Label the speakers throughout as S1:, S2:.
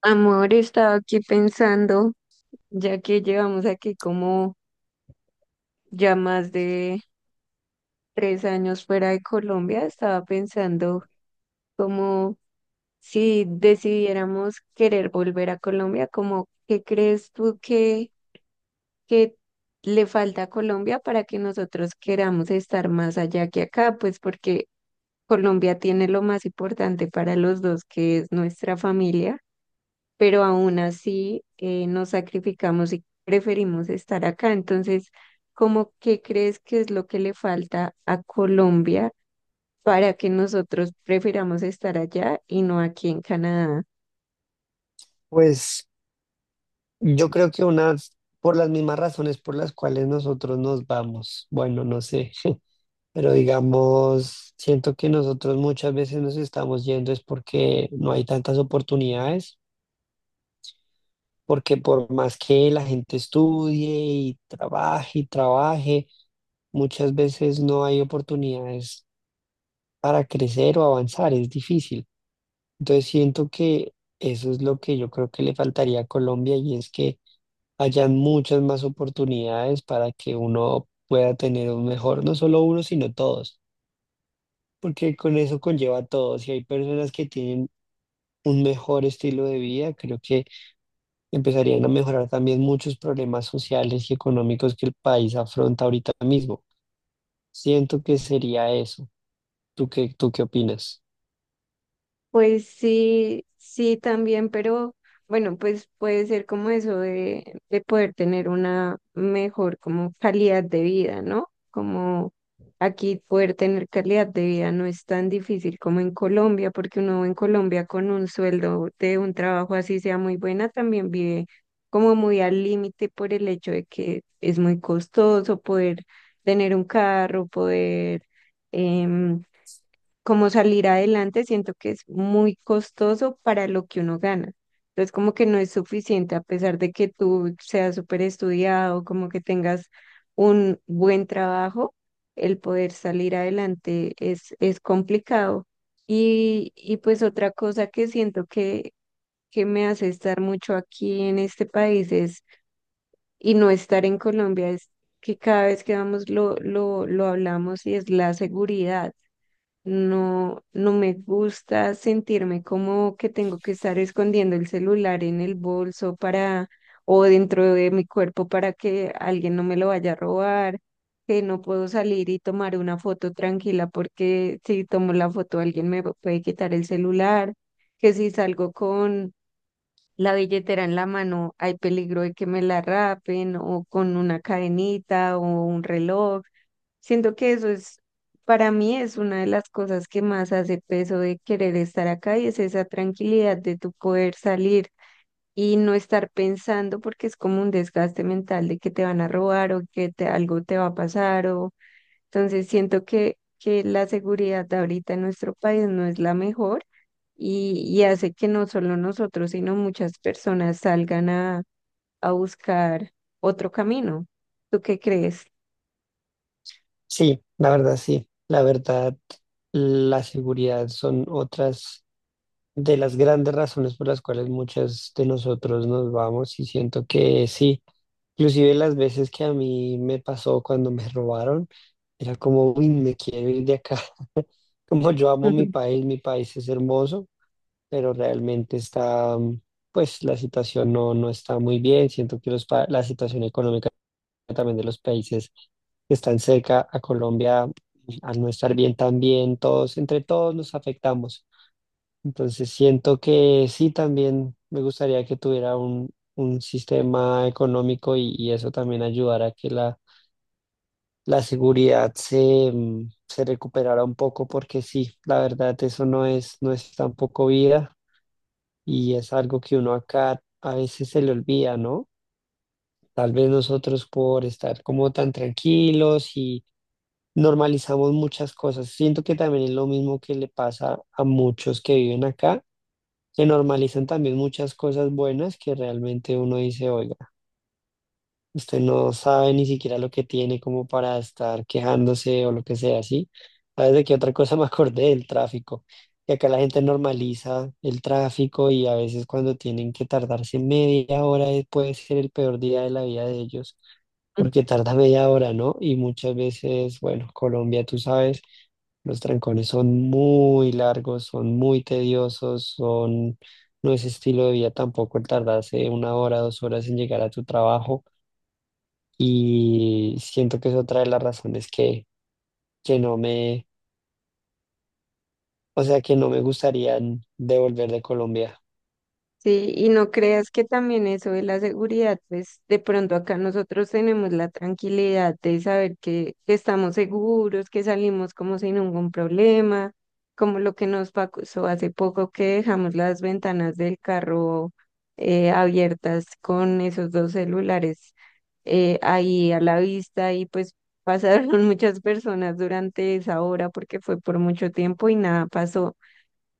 S1: Amor, estaba aquí pensando, ya que llevamos aquí como ya más de 3 años fuera de Colombia, estaba pensando como si decidiéramos querer volver a Colombia, como ¿qué crees tú que le falta a Colombia para que nosotros queramos estar más allá que acá? Pues porque Colombia tiene lo más importante para los dos, que es nuestra familia, pero aún así nos sacrificamos y preferimos estar acá. Entonces, ¿cómo qué crees que es lo que le falta a Colombia para que nosotros prefiramos estar allá y no aquí en Canadá?
S2: Pues yo creo que unas, por las mismas razones por las cuales nosotros nos vamos, bueno, no sé, pero digamos, siento que nosotros muchas veces nos estamos yendo es porque no hay tantas oportunidades, porque por más que la gente estudie y trabaje, muchas veces no hay oportunidades para crecer o avanzar, es difícil. Entonces siento que eso es lo que yo creo que le faltaría a Colombia y es que hayan muchas más oportunidades para que uno pueda tener un mejor, no solo uno, sino todos, porque con eso conlleva a todos. Si hay personas que tienen un mejor estilo de vida, creo que empezarían a mejorar también muchos problemas sociales y económicos que el país afronta ahorita mismo. Siento que sería eso. ¿Tú qué opinas?
S1: Pues sí, sí también, pero bueno, pues puede ser como eso de poder tener una mejor como calidad de vida, ¿no? Como aquí poder tener calidad de vida no es tan difícil como en Colombia, porque uno en Colombia con un sueldo de un trabajo así sea muy buena, también vive como muy al límite por el hecho de que es muy costoso poder tener un carro, em, como salir adelante, siento que es muy costoso para lo que uno gana. Entonces, como que no es suficiente, a pesar de que tú seas súper estudiado, como que tengas un buen trabajo, el poder salir adelante es complicado. Y pues otra cosa que siento que me hace estar mucho aquí en este país es, y no estar en Colombia, es que cada vez que vamos lo hablamos y es la seguridad. No me gusta sentirme como que tengo que estar escondiendo el celular en el bolso para o dentro de mi cuerpo para que alguien no me lo vaya a robar, que no puedo salir y tomar una foto tranquila porque si tomo la foto alguien me puede quitar el celular, que si salgo con la billetera en la mano hay peligro de que me la rapen o con una cadenita o un reloj. Siento que eso es, para mí es una de las cosas que más hace peso de querer estar acá y es esa tranquilidad de tu poder salir y no estar pensando porque es como un desgaste mental de que te van a robar o que te, algo te va a pasar. O entonces siento que la seguridad de ahorita en nuestro país no es la mejor y hace que no solo nosotros sino muchas personas salgan a buscar otro camino. ¿Tú qué crees?
S2: Sí. La verdad, la seguridad son otras. De las grandes razones por las cuales muchas de nosotros nos vamos, y siento que sí, inclusive las veces que a mí me pasó cuando me robaron, era como, uy, me quiero ir de acá. Como yo amo mi país es hermoso, pero realmente está, pues la situación no está muy bien. Siento que la situación económica también de los países que están cerca a Colombia, al no estar bien también, todos, entre todos nos afectamos. Entonces siento que sí, también me gustaría que tuviera un sistema económico, y eso también ayudara a que la seguridad se, se recuperara un poco, porque sí, la verdad eso no es tampoco vida, y es algo que uno acá a veces se le olvida, ¿no? Tal vez nosotros por estar como tan tranquilos y normalizamos muchas cosas. Siento que también es lo mismo que le pasa a muchos que viven acá, se normalizan también muchas cosas buenas que realmente uno dice, oiga, usted no sabe ni siquiera lo que tiene como para estar quejándose o lo que sea, ¿sí? ¿Sabes de qué otra cosa me acordé? Del tráfico. Y acá la gente normaliza el tráfico, y a veces cuando tienen que tardarse media hora puede ser el peor día de la vida de ellos porque tarda media hora, ¿no? Y muchas veces, bueno, Colombia, tú sabes, los trancones son muy largos, son muy tediosos, son, no es estilo de vida tampoco el tardarse una hora, dos horas en llegar a tu trabajo. Y siento que es otra de las razones que no que no me gustaría devolver de Colombia.
S1: Sí, y no creas que también eso de la seguridad, pues de pronto acá nosotros tenemos la tranquilidad de saber que estamos seguros, que salimos como sin ningún problema, como lo que nos pasó hace poco que dejamos las ventanas del carro abiertas con esos 2 celulares ahí a la vista y pues pasaron muchas personas durante esa hora porque fue por mucho tiempo y nada pasó.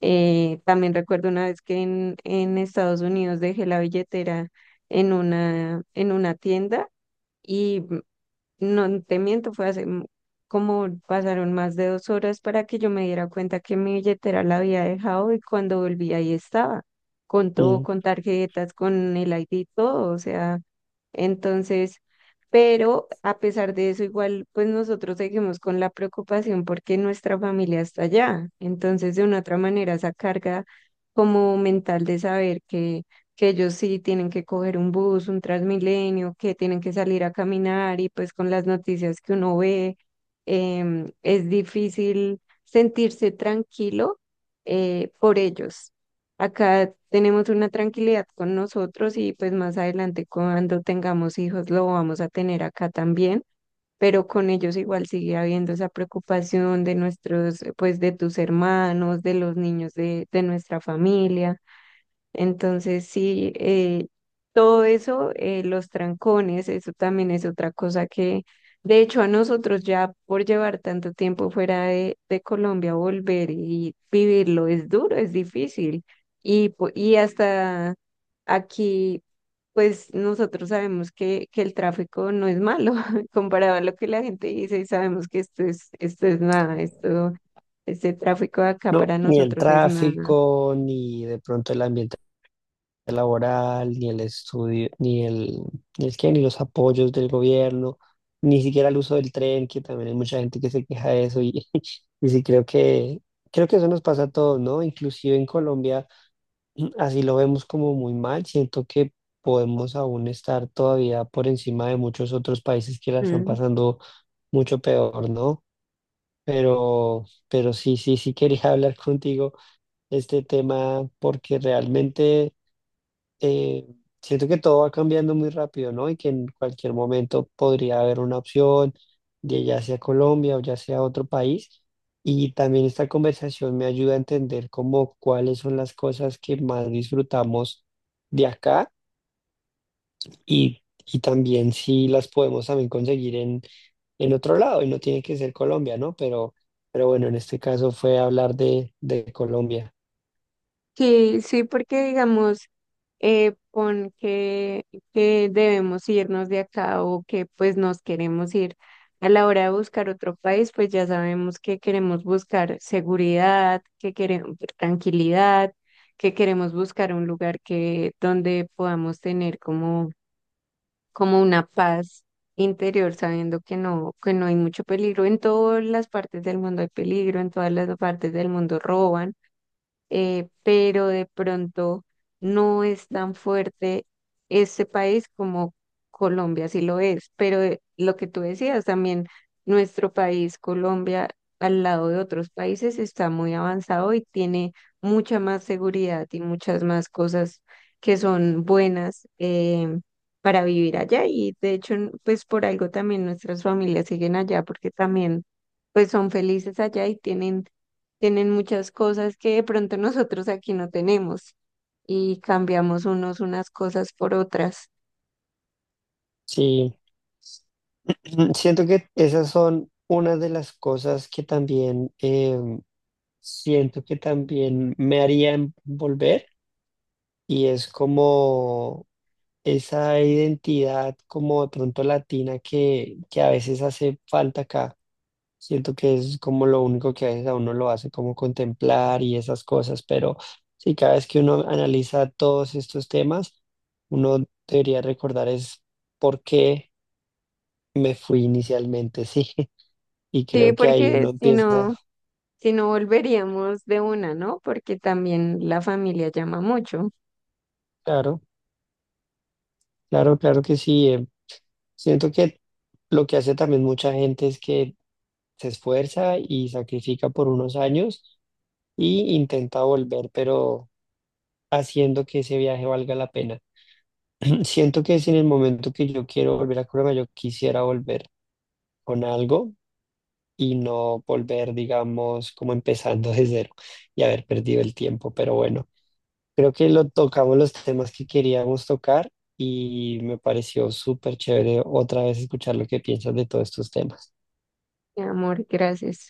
S1: También recuerdo una vez que en Estados Unidos dejé la billetera en en una tienda. Y no te miento, como pasaron más de 2 horas para que yo me diera cuenta que mi billetera la había dejado, y cuando volví ahí estaba, con todo,
S2: Mm.
S1: con tarjetas, con el ID, y todo, o sea, entonces, pero a pesar de eso, igual, pues nosotros seguimos con la preocupación porque nuestra familia está allá. Entonces de una u otra manera esa carga como mental de saber que ellos sí tienen que coger un bus, un Transmilenio, que tienen que salir a caminar y pues con las noticias que uno ve, es difícil sentirse tranquilo por ellos. Acá tenemos una tranquilidad con nosotros y pues más adelante cuando tengamos hijos lo vamos a tener acá también, pero con ellos igual sigue habiendo esa preocupación de nuestros, pues de tus hermanos, de los niños de nuestra familia. Entonces, sí, todo eso, los trancones, eso también es otra cosa que, de hecho, a nosotros ya por llevar tanto tiempo fuera de Colombia, volver y vivirlo es duro, es difícil. Y hasta aquí, pues nosotros sabemos que el tráfico no es malo comparado a lo que la gente dice, y sabemos que esto es nada, esto, este tráfico de acá
S2: No,
S1: para
S2: ni el
S1: nosotros es nada.
S2: tráfico, ni de pronto el ambiente laboral, ni el estudio, ni el qué, ni los apoyos del gobierno, ni siquiera el uso del tren, que también hay mucha gente que se queja de eso, y y sí creo que eso nos pasa a todos, ¿no? Inclusive en Colombia así lo vemos como muy mal, siento que podemos aún estar todavía por encima de muchos otros países que la están
S1: Mm.
S2: pasando mucho peor, ¿no? Pero, pero sí, quería hablar contigo este tema, porque realmente eh, siento que todo va cambiando muy rápido, ¿no? Y que en cualquier momento podría haber una opción de ya sea Colombia o ya sea otro país. Y también esta conversación me ayuda a entender como cuáles son las cosas que más disfrutamos de acá, y también si las podemos también conseguir en otro lado. Y no tiene que ser Colombia, ¿no? Pero bueno, en este caso fue hablar de Colombia.
S1: Sí, sí, porque digamos, pon que debemos irnos de acá o que pues nos queremos ir. A la hora de buscar otro país, pues ya sabemos que queremos buscar seguridad, que queremos tranquilidad, que queremos buscar un lugar que donde podamos tener como, como una paz interior, sabiendo que no hay mucho peligro. En todas las partes del mundo hay peligro, en todas las partes del mundo roban, pero de pronto no es tan fuerte este país como Colombia sí lo es. Pero lo que tú decías también, nuestro país, Colombia, al lado de otros países está muy avanzado y tiene mucha más seguridad y muchas más cosas que son buenas. Para vivir allá, y de hecho pues por algo también nuestras familias siguen allá, porque también pues son felices allá y tienen muchas cosas que de pronto nosotros aquí no tenemos, y cambiamos unos unas cosas por otras.
S2: Sí. Mm, siento que esas son una de las cosas que también siento que también me harían volver, y es como esa identidad como de pronto latina que a veces hace falta acá. Siento que es como lo único que a veces a uno lo hace como contemplar y esas cosas, pero sí, cada vez que uno analiza todos estos temas, uno debería recordar es por qué me fui inicialmente. Sí. Y
S1: Sí,
S2: creo que ahí
S1: porque
S2: uno
S1: si no,
S2: empieza,
S1: si no volveríamos de una, ¿no? Porque también la familia llama mucho.
S2: claro, claro, claro que sí. Siento que lo que hace también mucha gente es que se esfuerza y sacrifica por unos años y intenta volver, pero haciendo que ese viaje valga la pena. Siento que si en el momento que yo quiero volver a Colombia, yo quisiera volver con algo y no volver, digamos, como empezando de cero y haber perdido el tiempo, pero bueno. Creo que lo tocamos los temas que queríamos tocar, y me pareció súper chévere otra vez escuchar lo que piensas de todos estos temas.
S1: Mi amor, gracias.